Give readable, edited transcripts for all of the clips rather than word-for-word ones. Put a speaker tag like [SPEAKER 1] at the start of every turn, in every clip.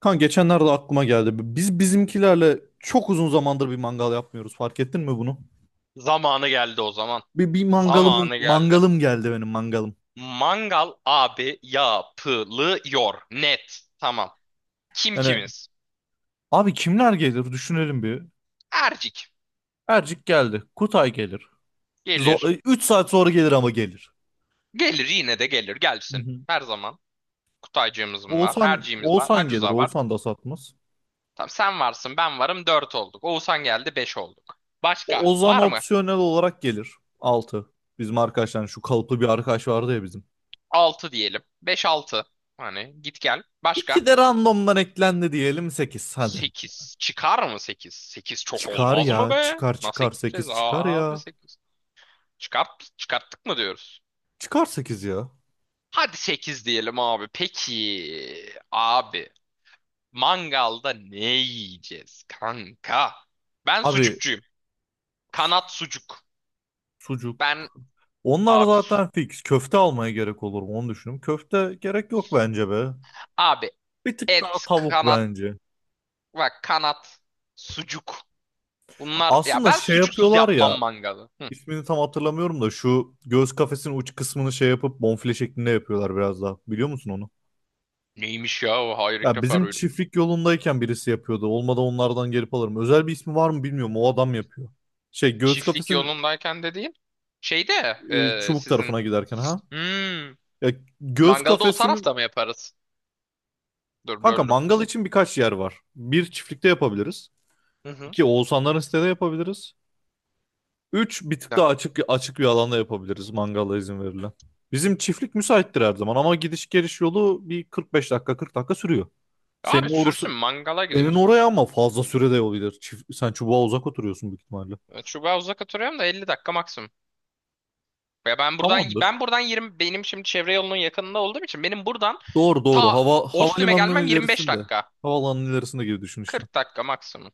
[SPEAKER 1] Kan geçenlerde aklıma geldi. Biz bizimkilerle çok uzun zamandır bir mangal yapmıyoruz. Fark ettin mi bunu?
[SPEAKER 2] Zamanı geldi o zaman.
[SPEAKER 1] Bir mangalım
[SPEAKER 2] Zamanı geldi.
[SPEAKER 1] mangalım geldi benim mangalım.
[SPEAKER 2] Mangal abi yapılıyor. Net. Tamam. Kim
[SPEAKER 1] Yani
[SPEAKER 2] kimiz?
[SPEAKER 1] abi kimler gelir düşünelim bir.
[SPEAKER 2] Ercik.
[SPEAKER 1] Ercik geldi. Kutay gelir. Zor,
[SPEAKER 2] Gelir.
[SPEAKER 1] 3 saat sonra gelir ama gelir.
[SPEAKER 2] Gelir yine de gelir.
[SPEAKER 1] Hı
[SPEAKER 2] Gelsin.
[SPEAKER 1] hı.
[SPEAKER 2] Her zaman. Kutaycığımız mı var?
[SPEAKER 1] Oğuzhan
[SPEAKER 2] Erciğimiz var.
[SPEAKER 1] Oğuzhan gelir.
[SPEAKER 2] Acuza var.
[SPEAKER 1] Oğuzhan da satmaz.
[SPEAKER 2] Tamam sen varsın ben varım. Dört olduk. Oğuzhan geldi. Beş olduk. Başka
[SPEAKER 1] Ozan
[SPEAKER 2] var mı?
[SPEAKER 1] opsiyonel olarak gelir. 6. Bizim arkadaşlar şu kalıplı bir arkadaş vardı ya bizim.
[SPEAKER 2] Altı diyelim. Beş altı. Hani git gel. Başka?
[SPEAKER 1] İki de randomdan eklendi diyelim sekiz, hadi.
[SPEAKER 2] Sekiz. Çıkar mı sekiz? Sekiz çok
[SPEAKER 1] Çıkar
[SPEAKER 2] olmaz mı
[SPEAKER 1] ya,
[SPEAKER 2] be?
[SPEAKER 1] çıkar
[SPEAKER 2] Nasıl
[SPEAKER 1] çıkar
[SPEAKER 2] gideceğiz
[SPEAKER 1] 8 çıkar
[SPEAKER 2] abi
[SPEAKER 1] ya.
[SPEAKER 2] sekiz? Çıkart, çıkarttık mı diyoruz?
[SPEAKER 1] Çıkar 8 ya.
[SPEAKER 2] Hadi 8 diyelim abi. Peki abi mangalda ne yiyeceğiz kanka? Ben
[SPEAKER 1] Abi
[SPEAKER 2] sucukçuyum. Kanat sucuk.
[SPEAKER 1] sucuk.
[SPEAKER 2] Ben
[SPEAKER 1] Onlar
[SPEAKER 2] abi
[SPEAKER 1] zaten fix. Köfte almaya gerek olur mu onu düşündüm. Köfte gerek yok bence be.
[SPEAKER 2] abi
[SPEAKER 1] Bir tık
[SPEAKER 2] et
[SPEAKER 1] daha tavuk
[SPEAKER 2] kanat
[SPEAKER 1] bence.
[SPEAKER 2] bak kanat sucuk. Bunlar ya
[SPEAKER 1] Aslında
[SPEAKER 2] ben
[SPEAKER 1] şey
[SPEAKER 2] sucuksuz
[SPEAKER 1] yapıyorlar
[SPEAKER 2] yapmam
[SPEAKER 1] ya.
[SPEAKER 2] mangalı. Hı.
[SPEAKER 1] İsmini tam hatırlamıyorum da şu göğüs kafesinin uç kısmını şey yapıp bonfile şeklinde yapıyorlar biraz daha. Biliyor musun onu?
[SPEAKER 2] Neymiş ya o hayır ilk
[SPEAKER 1] Ya
[SPEAKER 2] defa
[SPEAKER 1] bizim
[SPEAKER 2] duydum.
[SPEAKER 1] çiftlik yolundayken birisi yapıyordu. Olmadı onlardan gelip alırım. Özel bir ismi var mı bilmiyorum. O adam yapıyor. Şey göğüs
[SPEAKER 2] Çiftlik
[SPEAKER 1] kafesinin
[SPEAKER 2] yolundayken dediğin şeyde
[SPEAKER 1] çubuk
[SPEAKER 2] sizin
[SPEAKER 1] tarafına giderken ha.
[SPEAKER 2] hmm,
[SPEAKER 1] Ya göğüs
[SPEAKER 2] mangalda o tarafta
[SPEAKER 1] kafesinin
[SPEAKER 2] mı yaparız? Dur
[SPEAKER 1] kanka
[SPEAKER 2] böldüm.
[SPEAKER 1] mangal için birkaç yer var. Bir, çiftlikte yapabiliriz.
[SPEAKER 2] Hı hı.
[SPEAKER 1] İki, Oğuzhanların sitede yapabiliriz. Üç, bir tık daha açık bir alanda yapabiliriz, mangala izin verilen. Bizim çiftlik müsaittir her zaman, ama gidiş geliş yolu bir 45 dakika 40 dakika sürüyor. Senin
[SPEAKER 2] Abi sürsün
[SPEAKER 1] orası,
[SPEAKER 2] mangala
[SPEAKER 1] senin
[SPEAKER 2] gidiyoruz.
[SPEAKER 1] oraya ama fazla sürede yol gider. Sen çubuğa uzak oturuyorsun büyük ihtimalle.
[SPEAKER 2] Çubuğa uzak oturuyorum da 50 dakika maksimum. Ya ben buradan
[SPEAKER 1] Tamamdır.
[SPEAKER 2] 20 benim şimdi çevre yolunun yakınında olduğum için benim buradan
[SPEAKER 1] Doğru doğru.
[SPEAKER 2] ta Ostim'e
[SPEAKER 1] Havalimanının
[SPEAKER 2] gelmem 25
[SPEAKER 1] ilerisinde.
[SPEAKER 2] dakika.
[SPEAKER 1] Havaalanının ilerisinde gibi düşün işte.
[SPEAKER 2] 40 dakika maksimum.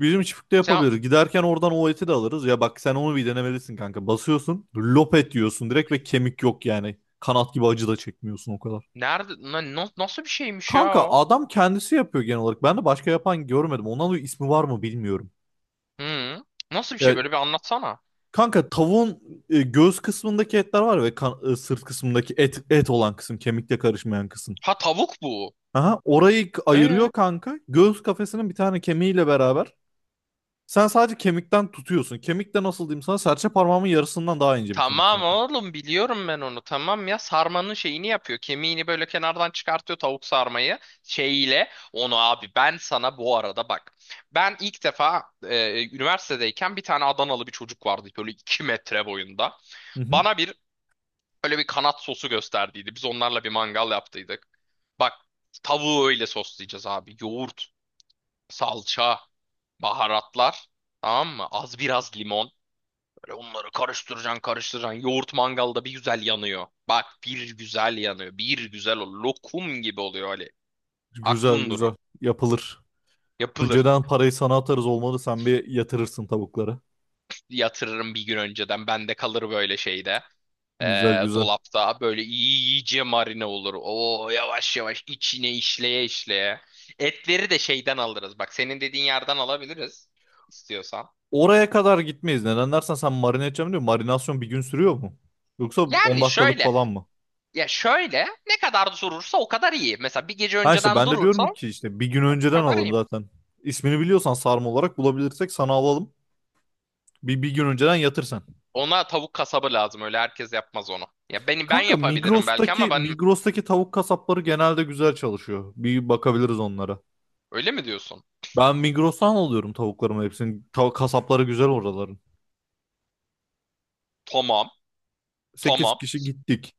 [SPEAKER 1] Bizim çiftlikte
[SPEAKER 2] Sen
[SPEAKER 1] yapabiliriz. Giderken oradan o eti de alırız. Ya bak, sen onu bir denemelisin kanka. Basıyorsun, lop et diyorsun direkt ve kemik yok yani. Kanat gibi acı da çekmiyorsun o kadar.
[SPEAKER 2] nerede nasıl bir şeymiş ya
[SPEAKER 1] Kanka,
[SPEAKER 2] o?
[SPEAKER 1] adam kendisi yapıyor genel olarak. Ben de başka yapan görmedim. Ondan dolayı ismi var mı bilmiyorum.
[SPEAKER 2] Hı. Nasıl bir şey
[SPEAKER 1] Ya
[SPEAKER 2] böyle bir anlatsana.
[SPEAKER 1] kanka, tavuğun göğüs kısmındaki etler var ve sırt kısmındaki et olan kısım, kemikle karışmayan kısım.
[SPEAKER 2] Ha tavuk bu.
[SPEAKER 1] Aha, orayı
[SPEAKER 2] E?
[SPEAKER 1] ayırıyor kanka. Göğüs kafesinin bir tane kemiğiyle beraber sen sadece kemikten tutuyorsun. Kemik de nasıl diyeyim sana? Serçe parmağımın yarısından daha ince bir kemik
[SPEAKER 2] Tamam
[SPEAKER 1] zaten.
[SPEAKER 2] oğlum biliyorum ben onu tamam ya sarmanın şeyini yapıyor kemiğini böyle kenardan çıkartıyor tavuk sarmayı şeyiyle onu abi ben sana bu arada bak ben ilk defa üniversitedeyken bir tane Adanalı bir çocuk vardı böyle 2 metre boyunda
[SPEAKER 1] Hı hı.
[SPEAKER 2] bana bir böyle bir kanat sosu gösterdiydi biz onlarla bir mangal yaptıydık bak tavuğu öyle soslayacağız abi yoğurt salça baharatlar tamam mı az biraz limon Böyle onları karıştıracaksın karıştıracaksın. Yoğurt mangalda bir güzel yanıyor. Bak bir güzel yanıyor. Bir güzel o lokum gibi oluyor Ali.
[SPEAKER 1] Güzel
[SPEAKER 2] Aklın durur.
[SPEAKER 1] güzel. Yapılır.
[SPEAKER 2] Yapılır.
[SPEAKER 1] Önceden parayı sana atarız, olmadı. Sen bir yatırırsın tavuklara.
[SPEAKER 2] Yatırırım bir gün önceden. Bende kalır böyle şeyde.
[SPEAKER 1] Güzel güzel.
[SPEAKER 2] Dolapta böyle iyice marine olur. O yavaş yavaş içine işleye işleye. Etleri de şeyden alırız. Bak senin dediğin yerden alabiliriz istiyorsan.
[SPEAKER 1] Oraya kadar gitmeyiz. Neden dersen, sen marine edeceğim diyor. Marinasyon bir gün sürüyor mu? Yoksa 10
[SPEAKER 2] Yani
[SPEAKER 1] dakikalık
[SPEAKER 2] şöyle
[SPEAKER 1] falan mı?
[SPEAKER 2] ya şöyle ne kadar durursa o kadar iyi. Mesela bir gece
[SPEAKER 1] Ha işte,
[SPEAKER 2] önceden
[SPEAKER 1] ben de
[SPEAKER 2] durursa
[SPEAKER 1] diyorum ki işte bir gün
[SPEAKER 2] o
[SPEAKER 1] önceden
[SPEAKER 2] kadar
[SPEAKER 1] alalım
[SPEAKER 2] iyi.
[SPEAKER 1] zaten. İsmini biliyorsan sarma olarak bulabilirsek sana alalım. Bir gün önceden yatırsan.
[SPEAKER 2] Ona tavuk kasabı lazım. Öyle herkes yapmaz onu. Ya beni ben
[SPEAKER 1] Kanka
[SPEAKER 2] yapabilirim belki
[SPEAKER 1] Migros'taki
[SPEAKER 2] ama ben
[SPEAKER 1] Migros'taki tavuk kasapları genelde güzel çalışıyor. Bir bakabiliriz onlara.
[SPEAKER 2] öyle mi diyorsun?
[SPEAKER 1] Ben Migros'tan alıyorum tavuklarımı hepsini. Kasapları güzel oraların.
[SPEAKER 2] Tamam.
[SPEAKER 1] Sekiz
[SPEAKER 2] Tamam.
[SPEAKER 1] kişi gittik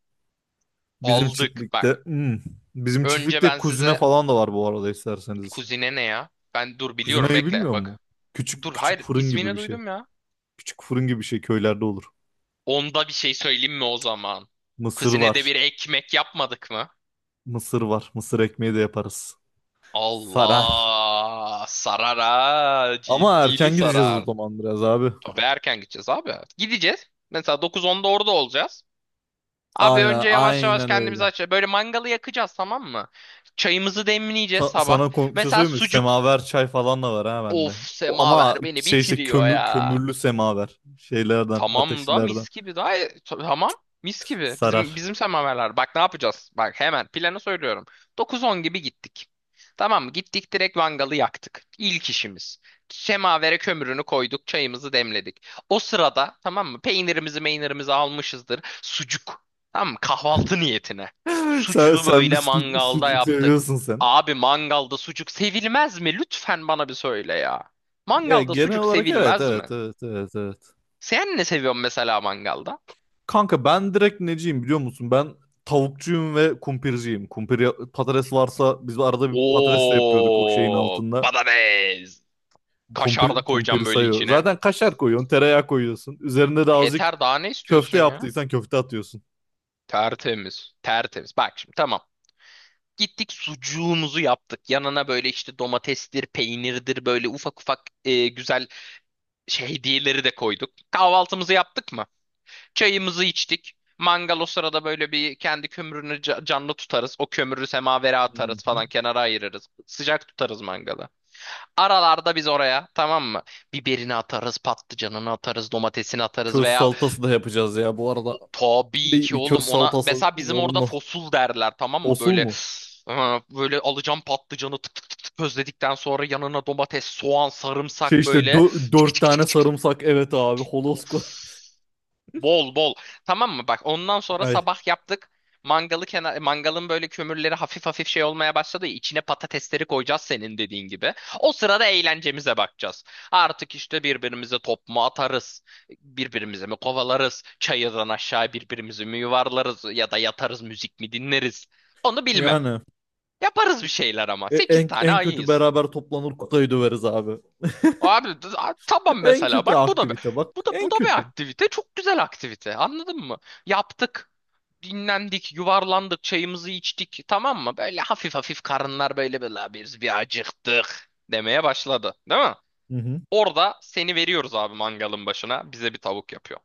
[SPEAKER 1] bizim
[SPEAKER 2] Aldık
[SPEAKER 1] çiftlikte.
[SPEAKER 2] bak.
[SPEAKER 1] Hmm. Bizim
[SPEAKER 2] Önce
[SPEAKER 1] çiftlikte
[SPEAKER 2] ben
[SPEAKER 1] kuzine
[SPEAKER 2] size
[SPEAKER 1] falan da var bu arada, isterseniz.
[SPEAKER 2] kuzine ne ya? Ben dur biliyorum
[SPEAKER 1] Kuzinayı
[SPEAKER 2] bekle
[SPEAKER 1] bilmiyor mu?
[SPEAKER 2] bak.
[SPEAKER 1] Küçük
[SPEAKER 2] Dur
[SPEAKER 1] küçük
[SPEAKER 2] hayır
[SPEAKER 1] fırın gibi
[SPEAKER 2] ismini
[SPEAKER 1] bir şey.
[SPEAKER 2] duydum ya.
[SPEAKER 1] Küçük fırın gibi bir şey, köylerde olur.
[SPEAKER 2] Onda bir şey söyleyeyim mi o zaman?
[SPEAKER 1] Mısır
[SPEAKER 2] Kuzine de
[SPEAKER 1] var.
[SPEAKER 2] bir ekmek yapmadık mı?
[SPEAKER 1] Mısır var. Mısır ekmeği de yaparız. Sarar.
[SPEAKER 2] Allah sarar ha
[SPEAKER 1] Ama
[SPEAKER 2] ciddili
[SPEAKER 1] erken gideceğiz o
[SPEAKER 2] sarar.
[SPEAKER 1] zaman biraz abi.
[SPEAKER 2] Ve erken gideceğiz abi. Gideceğiz. Mesela 9-10'da orada olacağız. Abi
[SPEAKER 1] Aynen,
[SPEAKER 2] önce yavaş yavaş
[SPEAKER 1] aynen öyle.
[SPEAKER 2] kendimizi aç. Böyle mangalı yakacağız tamam mı? Çayımızı demleyeceğiz sabah.
[SPEAKER 1] Sana komik bir şey
[SPEAKER 2] Mesela
[SPEAKER 1] söyleyeyim mi?
[SPEAKER 2] sucuk.
[SPEAKER 1] Semaver çay falan da var ha
[SPEAKER 2] Of
[SPEAKER 1] bende. Ama
[SPEAKER 2] semaver beni
[SPEAKER 1] şey işte
[SPEAKER 2] bitiriyor ya.
[SPEAKER 1] kömürlü semaver. Şeylerden,
[SPEAKER 2] Tamam da
[SPEAKER 1] ateşlilerden.
[SPEAKER 2] mis gibi daha tamam mis gibi. Bizim
[SPEAKER 1] Sarar.
[SPEAKER 2] bizim semaverler. Bak ne yapacağız? Bak hemen planı söylüyorum. 9-10 gibi gittik. Tamam mı? Gittik direkt mangalı yaktık. İlk işimiz. Semavere kömürünü koyduk, çayımızı demledik. O sırada tamam mı? Peynirimizi, meynirimizi almışızdır. Sucuk. Tamam mı? Kahvaltı niyetine.
[SPEAKER 1] Sen,
[SPEAKER 2] Sucuğu
[SPEAKER 1] sen bir
[SPEAKER 2] böyle
[SPEAKER 1] sucuk,
[SPEAKER 2] mangalda
[SPEAKER 1] sucuk
[SPEAKER 2] yaptık.
[SPEAKER 1] seviyorsun sen.
[SPEAKER 2] Abi mangalda sucuk sevilmez mi? Lütfen bana bir söyle ya.
[SPEAKER 1] Ya
[SPEAKER 2] Mangalda
[SPEAKER 1] genel
[SPEAKER 2] sucuk
[SPEAKER 1] olarak evet,
[SPEAKER 2] sevilmez mi?
[SPEAKER 1] evet, evet, evet, evet.
[SPEAKER 2] Sen ne seviyorsun mesela mangalda?
[SPEAKER 1] Kanka ben direkt neciyim biliyor musun? Ben tavukçuyum ve kumpirciyim. Patates varsa biz arada bir patates de yapıyorduk o şeyin
[SPEAKER 2] Oo,
[SPEAKER 1] altında.
[SPEAKER 2] badabez.
[SPEAKER 1] Kumpir,
[SPEAKER 2] Kaşar da
[SPEAKER 1] kumpiri
[SPEAKER 2] koyacağım böyle
[SPEAKER 1] sayıyor.
[SPEAKER 2] içine.
[SPEAKER 1] Zaten kaşar koyuyorsun, tereyağı koyuyorsun. Üzerine de azıcık
[SPEAKER 2] Yeter daha ne
[SPEAKER 1] köfte
[SPEAKER 2] istiyorsun ya?
[SPEAKER 1] yaptıysan köfte atıyorsun.
[SPEAKER 2] Tertemiz. Tertemiz. Bak şimdi tamam. Gittik sucuğumuzu yaptık. Yanına böyle işte domatestir, peynirdir böyle ufak ufak güzel şey hediyeleri de koyduk. Kahvaltımızı yaptık mı? Çayımızı içtik. Mangal o sırada böyle bir kendi kömürünü canlı tutarız. O kömürü semavere
[SPEAKER 1] Hı
[SPEAKER 2] atarız
[SPEAKER 1] hı.
[SPEAKER 2] falan kenara ayırırız. Sıcak tutarız mangalı. Aralarda biz oraya tamam mı? Biberini atarız, patlıcanını atarız, domatesini atarız
[SPEAKER 1] Köz
[SPEAKER 2] veya
[SPEAKER 1] salatası da yapacağız ya bu arada.
[SPEAKER 2] tabii
[SPEAKER 1] Bir,
[SPEAKER 2] ki
[SPEAKER 1] bir
[SPEAKER 2] oğlum
[SPEAKER 1] köz
[SPEAKER 2] ona
[SPEAKER 1] salatası
[SPEAKER 2] mesela bizim orada
[SPEAKER 1] zorunlu.
[SPEAKER 2] fosul derler tamam mı?
[SPEAKER 1] Osul
[SPEAKER 2] Böyle
[SPEAKER 1] mu?
[SPEAKER 2] böyle alacağım patlıcanı tık tık tık tık közledikten sonra yanına domates, soğan,
[SPEAKER 1] Şey
[SPEAKER 2] sarımsak
[SPEAKER 1] işte
[SPEAKER 2] böyle çık
[SPEAKER 1] dört
[SPEAKER 2] çık
[SPEAKER 1] tane
[SPEAKER 2] çık çık.
[SPEAKER 1] sarımsak, evet abi,
[SPEAKER 2] Of.
[SPEAKER 1] holosko.
[SPEAKER 2] Bol bol. Tamam mı? Bak ondan sonra
[SPEAKER 1] Ay
[SPEAKER 2] sabah yaptık. Mangalı kenar, mangalın böyle kömürleri hafif hafif şey olmaya başladı. Ya, İçine patatesleri koyacağız senin dediğin gibi. O sırada eğlencemize bakacağız. Artık işte birbirimize top mu atarız? Birbirimize mi kovalarız? Çayırdan aşağı birbirimizi mi yuvarlarız? Ya da yatarız müzik mi dinleriz? Onu bilmem.
[SPEAKER 1] yani
[SPEAKER 2] Yaparız bir şeyler ama.
[SPEAKER 1] E-
[SPEAKER 2] Sekiz
[SPEAKER 1] en,
[SPEAKER 2] tane
[SPEAKER 1] en kötü
[SPEAKER 2] ayıyız.
[SPEAKER 1] beraber toplanır Kutay'ı döveriz abi.
[SPEAKER 2] Abi tamam
[SPEAKER 1] En
[SPEAKER 2] mesela
[SPEAKER 1] kötü
[SPEAKER 2] bak
[SPEAKER 1] aktivite bak.
[SPEAKER 2] bu da bu
[SPEAKER 1] En
[SPEAKER 2] da bir
[SPEAKER 1] kötü.
[SPEAKER 2] aktivite. Çok güzel aktivite. Anladın mı? Yaptık. Dinlendik, yuvarlandık, çayımızı içtik. Tamam mı? Böyle hafif hafif karınlar böyle böyle "La biz bir acıktık demeye başladı. Değil mi?
[SPEAKER 1] Hı hı.
[SPEAKER 2] Orada seni veriyoruz abi mangalın başına. Bize bir tavuk yapıyor.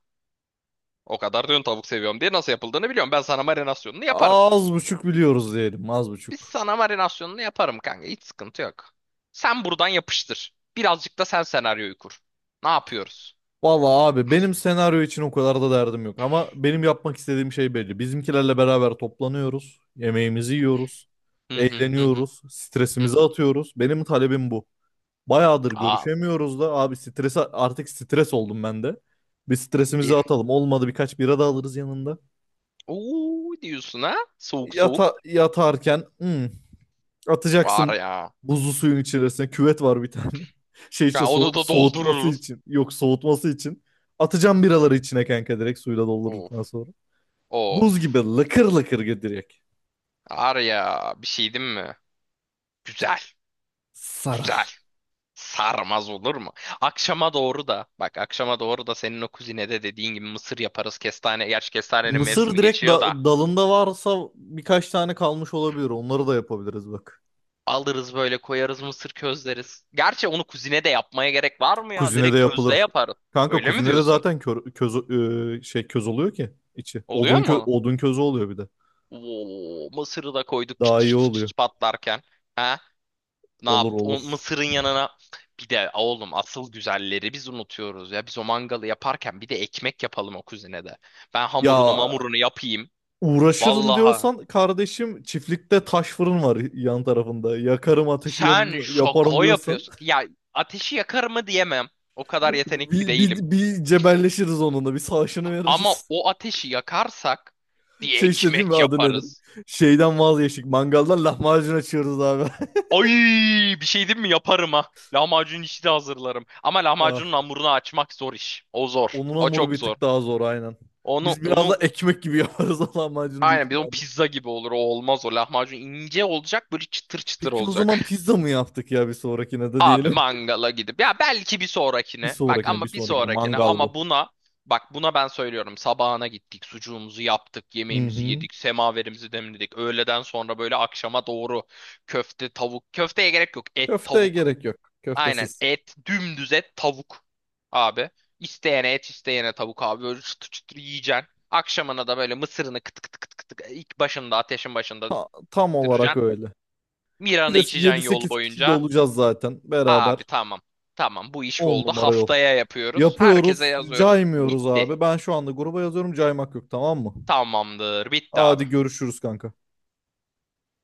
[SPEAKER 2] O kadar diyorsun tavuk seviyorum diye nasıl yapıldığını biliyorum. Ben sana marinasyonunu yaparım.
[SPEAKER 1] Az buçuk biliyoruz diyelim. Az
[SPEAKER 2] Biz
[SPEAKER 1] buçuk.
[SPEAKER 2] sana marinasyonunu yaparım kanka. Hiç sıkıntı yok. Sen buradan yapıştır. Birazcık da sen senaryoyu kur. Ne yapıyoruz?
[SPEAKER 1] Valla abi, benim senaryo için o kadar da derdim yok. Ama benim yapmak istediğim şey belli. Bizimkilerle beraber toplanıyoruz. Yemeğimizi yiyoruz.
[SPEAKER 2] Hı hı hı hı
[SPEAKER 1] Eğleniyoruz.
[SPEAKER 2] hı
[SPEAKER 1] Stresimizi
[SPEAKER 2] hı.
[SPEAKER 1] atıyoruz. Benim talebim bu. Bayağıdır
[SPEAKER 2] Aa,
[SPEAKER 1] görüşemiyoruz da abi, strese, artık stres oldum ben de. Bir stresimizi
[SPEAKER 2] ye.
[SPEAKER 1] atalım. Olmadı birkaç bira da alırız yanında.
[SPEAKER 2] Oo diyorsun ha? Soğuk soğuk.
[SPEAKER 1] Yatarken "Hmm,
[SPEAKER 2] Var
[SPEAKER 1] atacaksın
[SPEAKER 2] ya.
[SPEAKER 1] buzlu suyun içerisine." Küvet var bir tane. Şey işte
[SPEAKER 2] Ya onu da
[SPEAKER 1] soğutması
[SPEAKER 2] doldururuz.
[SPEAKER 1] için. Yok, soğutması için. Atacağım biraları içine kanka, direkt suyla
[SPEAKER 2] Of.
[SPEAKER 1] doldurduktan sonra. Buz gibi
[SPEAKER 2] Of.
[SPEAKER 1] lıkır lıkır gidirecek.
[SPEAKER 2] Var ya bir şey değil mi? Güzel. Güzel.
[SPEAKER 1] Sarar.
[SPEAKER 2] Sarmaz olur mu? Akşama doğru da bak akşama doğru da senin o kuzinede dediğin gibi mısır yaparız. Kestane. Gerçi kestanenin
[SPEAKER 1] Mısır
[SPEAKER 2] mevsimi
[SPEAKER 1] direkt
[SPEAKER 2] geçiyor da.
[SPEAKER 1] dalında varsa birkaç tane kalmış olabilir. Onları da yapabiliriz bak.
[SPEAKER 2] Alırız böyle koyarız mısır közleriz. Gerçi onu kuzine de yapmaya gerek var mı ya?
[SPEAKER 1] Kuzine de
[SPEAKER 2] Direkt közde
[SPEAKER 1] yapılır.
[SPEAKER 2] yaparız.
[SPEAKER 1] Kanka
[SPEAKER 2] Öyle mi
[SPEAKER 1] kuzine de
[SPEAKER 2] diyorsun?
[SPEAKER 1] zaten köz, köz oluyor ki içi.
[SPEAKER 2] Oluyor mu?
[SPEAKER 1] Odun közü oluyor bir de.
[SPEAKER 2] Oo, mısırı da koyduk çıt
[SPEAKER 1] Daha iyi
[SPEAKER 2] çıt çıt
[SPEAKER 1] oluyor.
[SPEAKER 2] çıt patlarken. Ha? Ne
[SPEAKER 1] Olur
[SPEAKER 2] yaptı? O
[SPEAKER 1] olur.
[SPEAKER 2] mısırın yanına bir de oğlum asıl güzelleri biz unutuyoruz ya. Biz o mangalı yaparken bir de ekmek yapalım o kuzinede. Ben hamurunu
[SPEAKER 1] Ya
[SPEAKER 2] mamurunu yapayım.
[SPEAKER 1] uğraşırım
[SPEAKER 2] Vallahi
[SPEAKER 1] diyorsan kardeşim, çiftlikte taş fırın var yan tarafında. Yakarım ateşim,
[SPEAKER 2] sen
[SPEAKER 1] yaparım
[SPEAKER 2] şoko
[SPEAKER 1] diyorsan
[SPEAKER 2] yapıyorsun. Ya ateşi yakar mı diyemem. O kadar yetenekli
[SPEAKER 1] bir,
[SPEAKER 2] değilim.
[SPEAKER 1] bir, bir cebelleşiriz onunla, bir savaşını
[SPEAKER 2] Ama
[SPEAKER 1] veririz.
[SPEAKER 2] o ateşi yakarsak bir
[SPEAKER 1] Şey işte, değil mi,
[SPEAKER 2] ekmek
[SPEAKER 1] adı nedir?
[SPEAKER 2] yaparız.
[SPEAKER 1] Şeyden vazgeçtik, mangaldan lahmacun açıyoruz abi.
[SPEAKER 2] Ay bir şey diyeyim mi yaparım ha. Lahmacun işi de hazırlarım. Ama
[SPEAKER 1] Ah,
[SPEAKER 2] lahmacunun hamurunu açmak zor iş. O zor.
[SPEAKER 1] onun
[SPEAKER 2] O
[SPEAKER 1] hamuru
[SPEAKER 2] çok
[SPEAKER 1] bir
[SPEAKER 2] zor.
[SPEAKER 1] tık daha zor aynen.
[SPEAKER 2] Onu
[SPEAKER 1] Biz biraz da
[SPEAKER 2] onu
[SPEAKER 1] ekmek gibi yaparız lahmacunu büyük
[SPEAKER 2] aynen bir de o
[SPEAKER 1] ihtimalle.
[SPEAKER 2] pizza gibi olur. O olmaz o lahmacun ince olacak böyle çıtır çıtır
[SPEAKER 1] Peki o zaman
[SPEAKER 2] olacak.
[SPEAKER 1] pizza mı yaptık ya, bir sonrakine de
[SPEAKER 2] Abi
[SPEAKER 1] diyelim.
[SPEAKER 2] mangala gidip ya belki bir
[SPEAKER 1] Bir
[SPEAKER 2] sonrakine. Bak
[SPEAKER 1] sonrakine bir
[SPEAKER 2] ama bir
[SPEAKER 1] sonrakine
[SPEAKER 2] sonrakine
[SPEAKER 1] mangal bu.
[SPEAKER 2] ama buna bak buna ben söylüyorum. Sabahına gittik, sucuğumuzu yaptık,
[SPEAKER 1] Hı
[SPEAKER 2] yemeğimizi
[SPEAKER 1] hı.
[SPEAKER 2] yedik, semaverimizi demledik. Öğleden sonra böyle akşama doğru köfte, tavuk. Köfteye gerek yok. Et,
[SPEAKER 1] Köfteye
[SPEAKER 2] tavuk.
[SPEAKER 1] gerek yok.
[SPEAKER 2] Aynen
[SPEAKER 1] Köftesiz.
[SPEAKER 2] et dümdüz et tavuk abi. İsteyene et isteyene tavuk abi böyle çıtır çıtır yiyeceksin. Akşamına da böyle mısırını kıt kıt kıt kıt kıt ilk başında ateşin başında
[SPEAKER 1] Tam olarak
[SPEAKER 2] diracaksın.
[SPEAKER 1] öyle. Bir
[SPEAKER 2] Miran'ı
[SPEAKER 1] de
[SPEAKER 2] içeceksin yol
[SPEAKER 1] 7-8 kişi de
[SPEAKER 2] boyunca.
[SPEAKER 1] olacağız zaten
[SPEAKER 2] Abi
[SPEAKER 1] beraber.
[SPEAKER 2] tamam tamam bu iş
[SPEAKER 1] 10
[SPEAKER 2] oldu
[SPEAKER 1] numara yol.
[SPEAKER 2] haftaya yapıyoruz. Herkese
[SPEAKER 1] Yapıyoruz,
[SPEAKER 2] yazıyoruz.
[SPEAKER 1] caymıyoruz
[SPEAKER 2] Bitti.
[SPEAKER 1] abi. Ben şu anda gruba yazıyorum, caymak yok, tamam mı?
[SPEAKER 2] Tamamdır bitti abi.
[SPEAKER 1] Hadi görüşürüz kanka.